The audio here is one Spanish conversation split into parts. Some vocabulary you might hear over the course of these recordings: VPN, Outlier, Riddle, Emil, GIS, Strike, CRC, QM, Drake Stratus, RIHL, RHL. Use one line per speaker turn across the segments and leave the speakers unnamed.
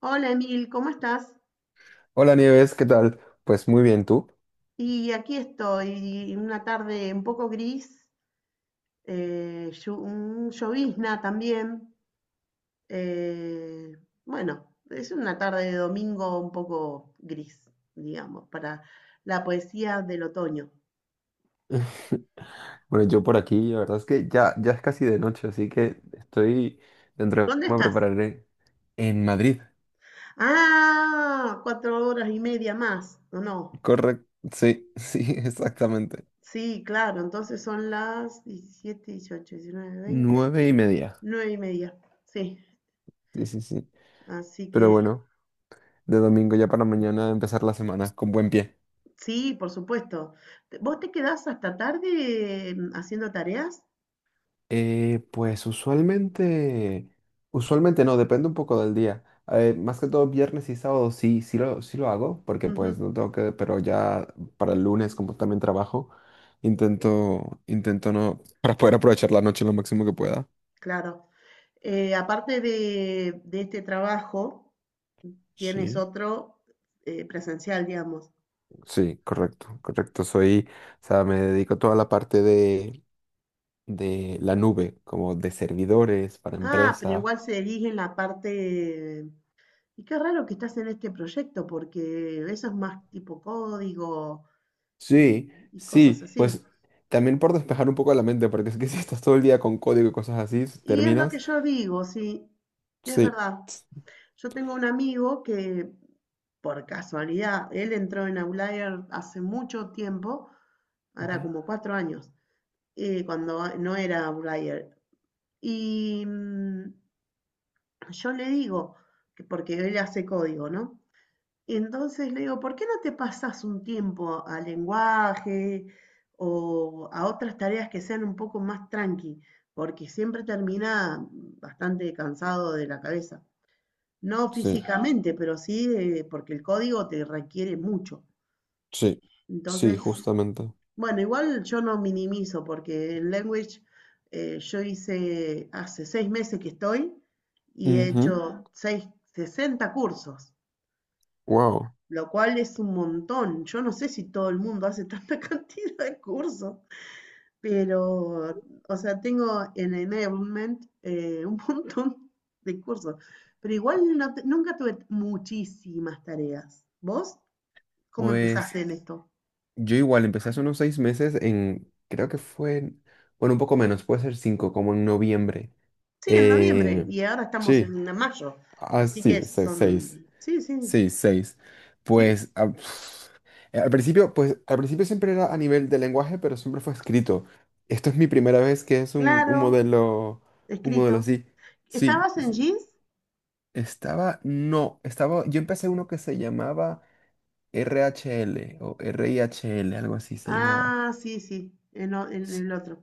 Hola Emil, ¿cómo estás?
Hola Nieves, ¿qué tal? Pues muy bien, ¿tú?
Y aquí estoy, una tarde un poco gris, un llovizna también. eh, bueno, es una tarde de domingo un poco gris, digamos, para la poesía del otoño.
Bueno, yo por aquí, la verdad es que ya es casi de noche, así que estoy dentro de poco
¿Dónde
me
estás?
prepararé en Madrid.
Ah, 4 horas y media más, ¿o no?
Correcto, sí, sí, exactamente.
Sí, claro, entonces son las 17, 18, 19, 20,
9:30.
9 y media, sí.
Sí, sí, sí.
Así
Pero
que.
bueno, de domingo ya para mañana empezar la semana con buen pie.
Sí, por supuesto. ¿Vos te quedás hasta tarde haciendo tareas?
Pues usualmente no, depende un poco del día. Más que todo viernes y sábado sí, sí lo hago, porque pues
Ujú,
no tengo que, pero ya para el lunes como también trabajo, intento no, para poder aprovechar la noche lo máximo que pueda.
claro. Aparte de este trabajo, tienes
Sí.
otro presencial, digamos.
Sí, correcto, correcto. Soy, o sea, me dedico a toda la parte de, la nube, como de servidores para
Ah, pero
empresa.
igual se elige en la parte. Y qué raro que estás en este proyecto, porque eso es más tipo código y,
Sí,
y cosas
sí,
así.
pues también por despejar un poco la mente, porque es que si estás todo el día con código y cosas así,
Y es lo que
terminas.
yo digo, sí, es
Sí.
verdad. Yo tengo un amigo que por casualidad, él entró en Outlier hace mucho tiempo,
Ok.
ahora como 4 años, cuando no era Outlier. Y yo le digo, que porque él hace código, ¿no? Y entonces le digo, ¿por qué no te pasas un tiempo a lenguaje o a otras tareas que sean un poco más tranqui? Porque siempre termina bastante cansado de la cabeza. No
Sí,
físicamente, pero sí porque el código te requiere mucho.
sí, sí,
Entonces,
justamente.
bueno, igual yo no minimizo porque en Language yo hice, hace 6 meses que estoy y he hecho seis, 60 cursos,
Wow.
lo cual es un montón. Yo no sé si todo el mundo hace tanta cantidad de cursos, pero, o sea, tengo en enablement un montón de cursos, pero igual nunca tuve muchísimas tareas. ¿Vos cómo
Pues
empezaste en esto?
yo igual empecé hace unos 6 meses en, creo que fue, bueno, un poco menos, puede ser cinco, como en noviembre.
Sí, en noviembre,
Eh,
y ahora estamos
sí,
en mayo, así
así,
que
seis.
son, sí, sí,
Sí, seis.
sí,
Pues al principio siempre era a nivel de lenguaje, pero siempre fue escrito. Esto es mi primera vez que es un, un
claro,
modelo, un modelo
escrito.
así. Sí,
¿Estabas en
sí.
Jeans?
Estaba, no, estaba, yo empecé uno que se llamaba RHL o RIHL, algo así se llamaba.
Ah, sí, sí, en
S-
el otro.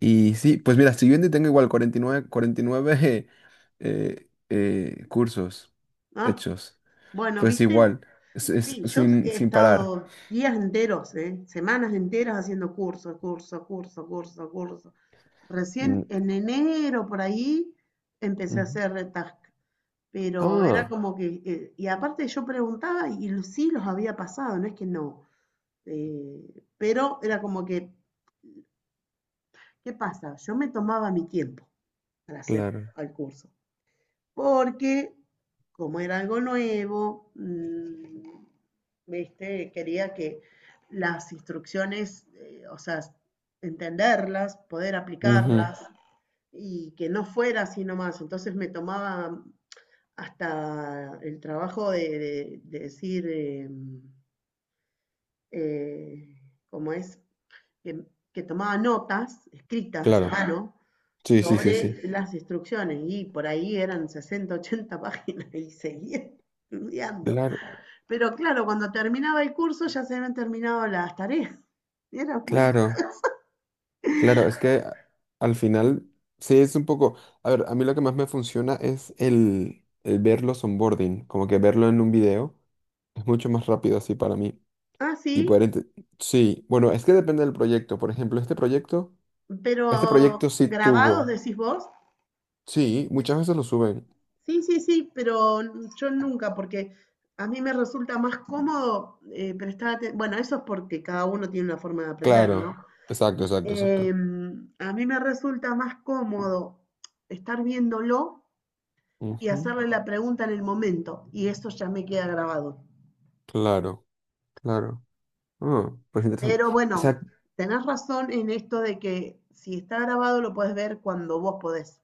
Y sí, pues mira, estoy viendo y tengo igual 49, 49 cursos
Ah,
hechos.
bueno,
Pues
¿viste?
igual, es
Sí, yo
sin,
he
sin parar.
estado días enteros, ¿eh? Semanas enteras haciendo curso, curso, curso, curso, curso. Recién en enero por ahí empecé a
Ujú.
hacer retask, pero era
Ah,
como que, y aparte yo preguntaba y sí los había pasado, no es que no. Pero era como que, ¿qué pasa? Yo me tomaba mi tiempo para hacer
claro.
el curso, porque como era algo nuevo, ¿viste? Quería que las instrucciones, o sea, entenderlas, poder
Ujú.
aplicarlas y que no fuera así nomás. Entonces me tomaba hasta el trabajo de, de decir, eh, ¿cómo es?, que, que tomaba notas escritas a
Claro.
mano
Sí, sí, sí,
sobre
sí.
las instrucciones y por ahí eran 60, 80 páginas y seguía estudiando.
Claro,
Pero claro, cuando terminaba el curso ya se habían terminado las tareas. Era muy.
claro, claro. Es que al final, sí, es un poco. A ver, a mí lo que más me funciona es el ver los onboarding, como que verlo en un video. Es mucho más rápido así para mí.
Ah, sí,
Y poder. Sí, bueno, es que depende del proyecto. Por ejemplo, este proyecto,
pero
este proyecto sí
grabados
tuvo.
decís vos.
Sí, muchas veces lo suben.
Sí, sí, sí, pero yo nunca, porque a mí me resulta más cómodo prestar atención. Bueno, eso es porque cada uno tiene una forma de aprender, ¿no?
Claro. Exacto, exacto, exacto.
A mí me resulta más cómodo estar viéndolo y
Ujú.
hacerle la pregunta en el momento, y eso ya me queda grabado.
Claro, claro. Ah, pues interesante.
Pero
O
bueno,
sea,
tenés razón en esto de que si está grabado lo puedes ver cuando vos podés,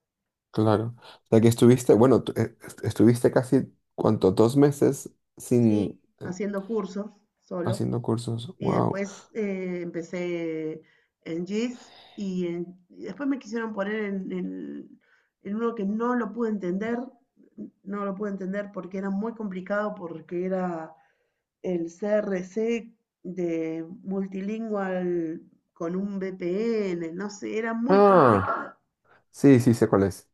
claro. O sea, que estuviste, bueno, tú, estuviste casi, ¿cuánto? 2 meses
¿sí?
sin
Haciendo cursos solo.
haciendo cursos.
Y
Wow.
después empecé en GIS y después me quisieron poner en uno que no lo pude entender, no lo pude entender porque era muy complicado, porque era el C R C de multilingual con un V P N, no sé, era muy
Ah,
complicado.
sí, sí, sé cuál es.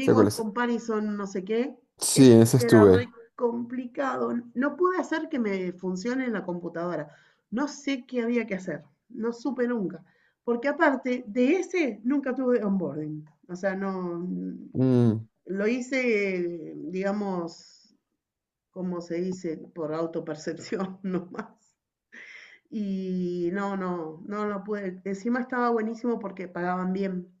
Sé cuál es.
Comparison, no sé qué,
Sí,
ese
en ese
era re
estuve.
complicado. No pude hacer que me funcione en la computadora. No sé qué había que hacer, no supe nunca. Porque aparte de ese, nunca tuve onboarding. O sea, no,
Mm,
lo hice, digamos, como se dice, por autopercepción nomás. Y no, no, no lo pude. Encima estaba buenísimo porque pagaban bien.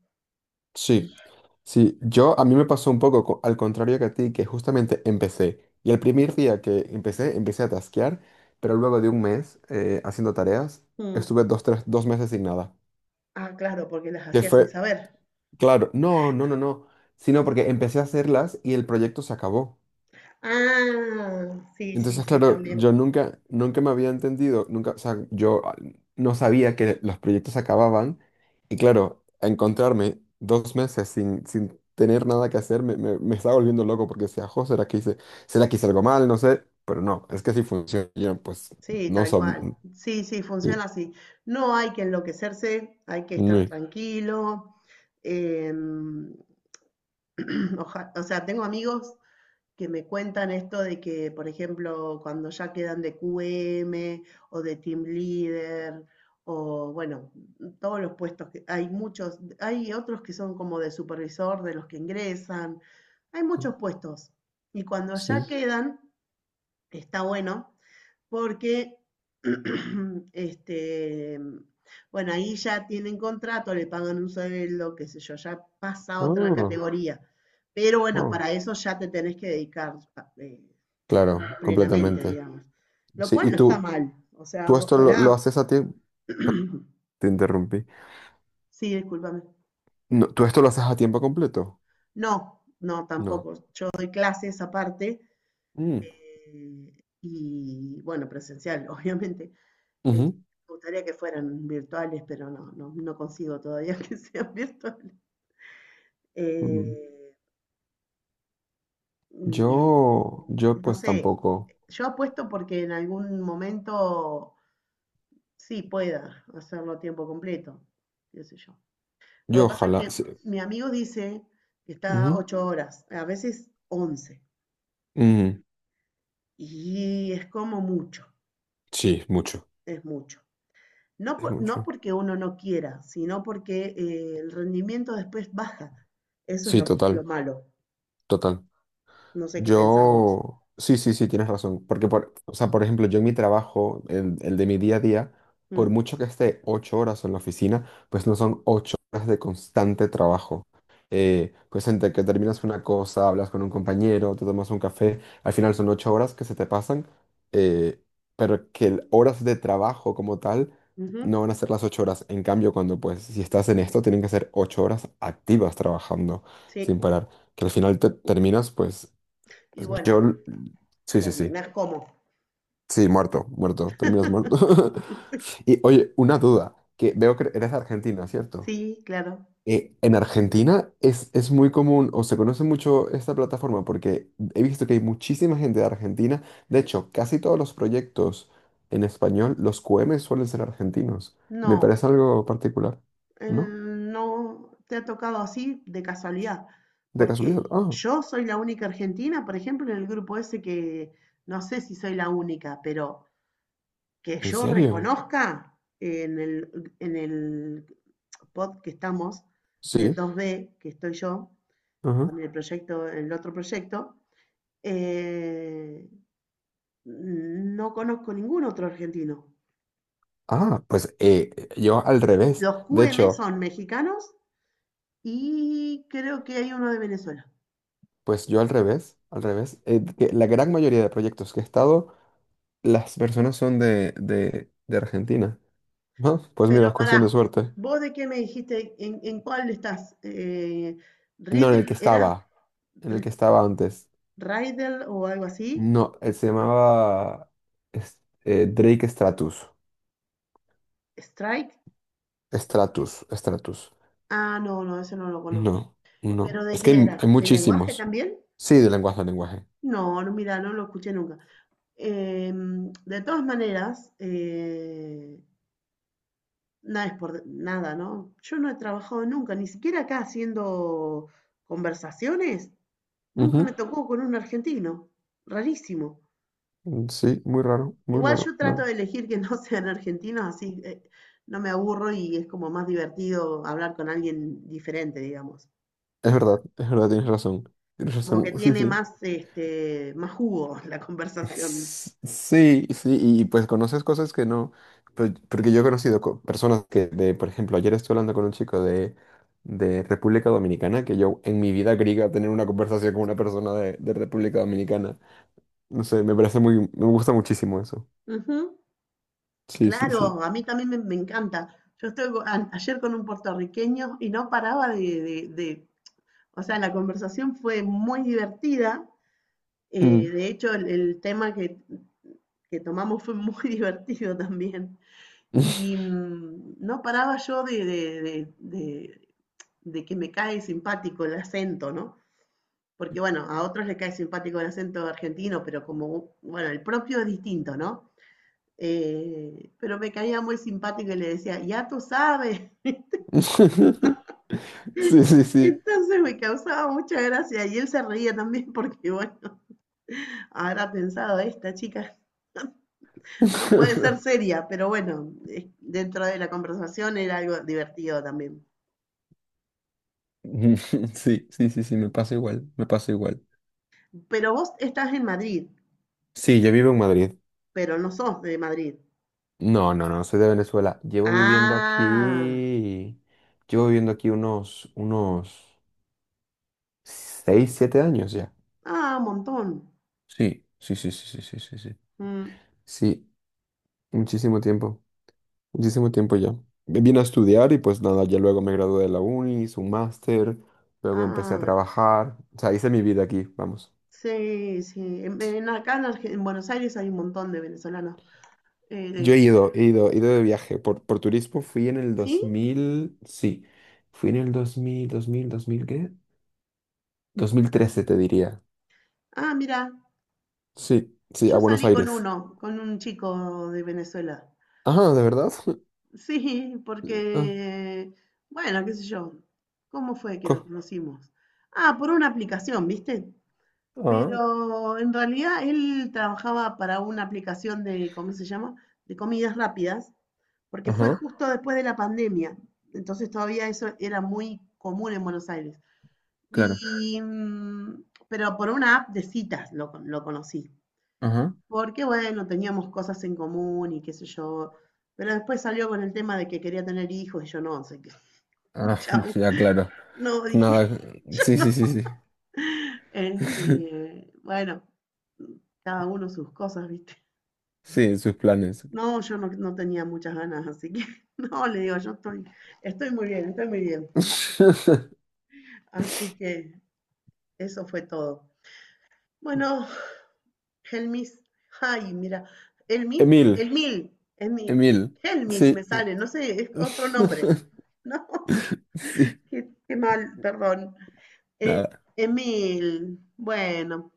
sí. Sí, yo a mí me pasó un poco al contrario que a ti, que justamente empecé. Y el primer día que empecé, empecé a tasquear, pero luego de un mes haciendo tareas,
Mm.
estuve dos, tres, 2 meses sin nada.
Ah, claro, porque las
Que
hacía sin
fue.
saber.
Claro, no, no, no, no, sino porque empecé a hacerlas y el proyecto se acabó.
Ah, sí, sí,
Entonces,
sí,
claro,
también.
yo nunca me había entendido, nunca, o sea, yo no sabía que los proyectos se acababan y claro, encontrarme 2 meses sin, sin tener nada que hacer me estaba volviendo loco porque decía, jo, ¿ será que hice algo mal? No sé, pero no, es que así funciona, yo, pues
Sí,
no
tal cual.
son,
Sí, sí,
sí,
funciona así. No hay que enloquecerse, hay que estar
sí,
tranquilo. em, o sea, tengo amigos que me cuentan esto de que, por ejemplo, cuando ya quedan de QM o de team leader o bueno, todos los puestos que hay muchos, hay otros que son como de supervisor de los que ingresan, hay
sí,
muchos puestos y cuando ya
sí.
quedan, está bueno porque, este, bueno, ahí ya tienen contrato, le pagan un sueldo, qué sé yo, ya pasa a otra
Ah,
categoría. Pero bueno,
wow,
para eso ya te tenés que dedicar eh,
claro,
plenamente,
completamente.
digamos. Lo
Sí,
cual
¿y
no está
tú,
mal. O sea,
tú esto lo
ojalá.
haces a ti? Te interrumpí.
Sí, discúlpame.
No, ¿tú esto lo haces a tiempo completo?
No, no,
No.
tampoco. Yo doy clases aparte
Mm,
eh, y, bueno, presencial, obviamente. Eh,
ujú,
Me gustaría que fueran virtuales, pero no, no, no consigo todavía que sean virtuales.
ujú.
Eh, mm,
Yo
no
pues
sé,
tampoco.
yo apuesto porque en algún momento sí pueda hacerlo a tiempo completo, qué sé yo. Lo que
Yo
pasa es
ojalá.
que
Sí.
mi amigo dice que está
Ujú.
8 horas, a veces 11,
Mm,
y es como mucho,
sí, mucho.
es mucho. No,
Es
no
mucho.
porque uno no quiera, sino porque el rendimiento después baja. Eso es
Sí,
lo
total,
malo.
total.
No sé qué pensás vos.
Yo, sí, sí, sí, tienes razón. Porque, o sea, por ejemplo, yo en mi trabajo, el de mi día a día, por
Mm,
mucho que esté 8 horas en la oficina, pues no son 8 horas de constante trabajo. Pues entre que terminas una cosa, hablas con un compañero, te tomas un café, al final son 8 horas que se te pasan, eh, pero que horas de trabajo como tal
ujú,
no van a ser las 8 horas. En cambio, cuando pues si estás en esto, tienen que ser 8 horas activas trabajando sin
sí,
parar que al final te terminas pues
y
yo,
bueno,
sí, sí, sí.
terminás como.
Sí, muerto, muerto. Terminas muerto. Y oye, una duda, que veo que eres de Argentina, ¿cierto?
Sí, claro.
En Argentina es muy común o se conoce mucho esta plataforma porque he visto que hay muchísima gente de Argentina. De hecho, casi todos los proyectos en español, los QM suelen ser argentinos. Me
No,
parece algo particular, ¿no?
no te ha tocado así de casualidad,
De
porque
casualidad. Ah,
yo soy la única argentina, por ejemplo, en el grupo ese, que no sé si soy la única, pero que
¿en
yo
serio?
reconozca en el, en el pod que estamos, en el
Sí.
2B, que estoy yo,
Ajá.
con el proyecto, el otro proyecto, eh, no conozco ningún otro argentino.
Ah, pues yo al revés.
Los
De
QM
hecho,
son mexicanos. Y creo que hay uno de Venezuela.
pues yo al revés, al revés. Que la gran mayoría de proyectos que he estado, las personas son de, de Argentina. Ah, pues mira, es
Pero pará,
cuestión de suerte.
¿vos de qué me dijiste? ¿En cuál estás?
No, en
Riddle,
el que
¿era
estaba, en el
R-
que estaba antes.
Riddle o algo así?
No, él se llamaba Drake Stratus.
¿Strike?
Stratus, Stratus.
Ah, no, no, ese no lo conozco.
No,
¿Pero
no.
de
Es que
qué
hay
era? ¿De lenguaje
muchísimos.
también?
Sí, de lenguaje a lenguaje.
No, no, mira, no lo escuché nunca. De todas maneras, nada es por nada, ¿no? Yo no he trabajado nunca, ni siquiera acá haciendo conversaciones. Nunca me tocó con un argentino, rarísimo.
Ujú. Sí, muy raro, muy
Igual
raro.
yo trato de
No.
elegir que no sean argentinos, así no me aburro y es como más divertido hablar con alguien diferente, digamos.
Es verdad, tienes razón. Tienes
Como
razón,
que
sí,
tiene
sí.
más, más jugo la conversación.
Sí, sí, y pues conoces cosas que no, pues, porque yo he conocido personas que, de, por ejemplo, ayer estuve hablando con un chico de, República Dominicana, que yo en mi vida creí que iba a tener una conversación con una persona de República Dominicana. No sé, me parece muy, me gusta muchísimo eso.
Ujú.
Sí, sí,
Claro,
sí.
a mí también me encanta. Yo estoy ayer con un puertorriqueño y no paraba o sea, la conversación fue muy divertida.
Mm.
De hecho, el tema que tomamos fue muy divertido también. Y no paraba yo de que me cae simpático el acento, ¿no? Porque bueno, a otros les cae simpático el acento argentino, pero como, bueno, el propio es distinto, ¿no? Pero me caía muy simpático y le decía, ya tú sabes.
Sí, sí, sí.
Entonces me causaba mucha gracia y él se reía también porque, bueno, habrá pensado, esta chica no puede ser seria, pero bueno, dentro de la conversación era algo divertido también.
Sí, sí, sí, sí, me pasa igual, me pasa igual.
Pero vos estás en Madrid.
Sí, yo vivo en Madrid.
Pero no sos de Madrid.
No, no, no, soy de Venezuela. Llevo viviendo
Ah,
aquí, llevo viviendo aquí unos 6, 7 años ya.
ah, un montón.
Sí, sí, sí, sí, sí, sí, sí, sí.
Mm,
Sí, muchísimo tiempo, muchísimo tiempo ya. Me vine a estudiar y pues nada, ya luego me gradué de la uni, hice un máster, luego empecé a
ah,
trabajar, o sea, hice mi vida aquí, vamos.
sí, sí. En acá en Buenos Aires hay un montón de venezolanos. Eh,
Yo
de-
he ido de viaje por turismo, fui en el
¿Sí?
2000, sí, fui en el dos dos mil, dos mil, dos mil, ¿qué? 2013 te diría.
Ah, mira,
Sí, sí, a
yo
Buenos
salí con
Aires.
uno, con un chico de Venezuela.
Ajá, ¿de verdad?
Sí,
Ah,
porque, bueno, qué sé yo. ¿Cómo fue que nos
co-
conocimos? Ah, por una aplicación, ¿viste?
Ah,
Pero en realidad él trabajaba para una aplicación de, ¿cómo se llama? De comidas rápidas. Porque fue
ajá,
justo después de la pandemia, entonces todavía eso era muy común en Buenos Aires.
claro.
Y, pero por una app de citas lo conocí,
Ajá.
porque bueno, teníamos cosas en común y qué sé yo, pero después salió con el tema de que quería tener hijos y yo no, sé qué,
Ah,
chau,
ya, claro.
no, dije,
Nada.
yo
Sí,
no,
sí, sí, sí.
este, bueno, cada uno sus cosas, viste.
Sí, sus planes.
No, yo no tenía muchas ganas, así que no, le digo, yo estoy muy bien, estoy muy bien. Así como. Así que eso fue todo. Bueno, Helmis, ay, mira, Helmis,
Emil,
Elmil, Elmil,
Emil.
Helmis me
Sí.
sale, no sé, es otro nombre. No,
Sí,
qué mal, perdón. Eh,
nada,
Emil, bueno,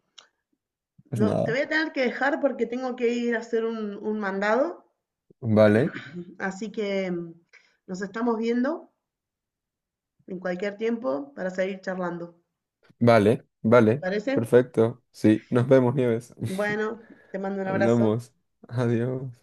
es
no, te
nada.
voy a tener que dejar porque tengo que ir a hacer un mandado,
Vale,
así que nos estamos viendo en cualquier tiempo para seguir charlando.
vale,
¿Te
vale.
parece?
Perfecto. Sí, nos vemos, Nieves.
Bueno, te mando un abrazo.
Hablamos. Adiós.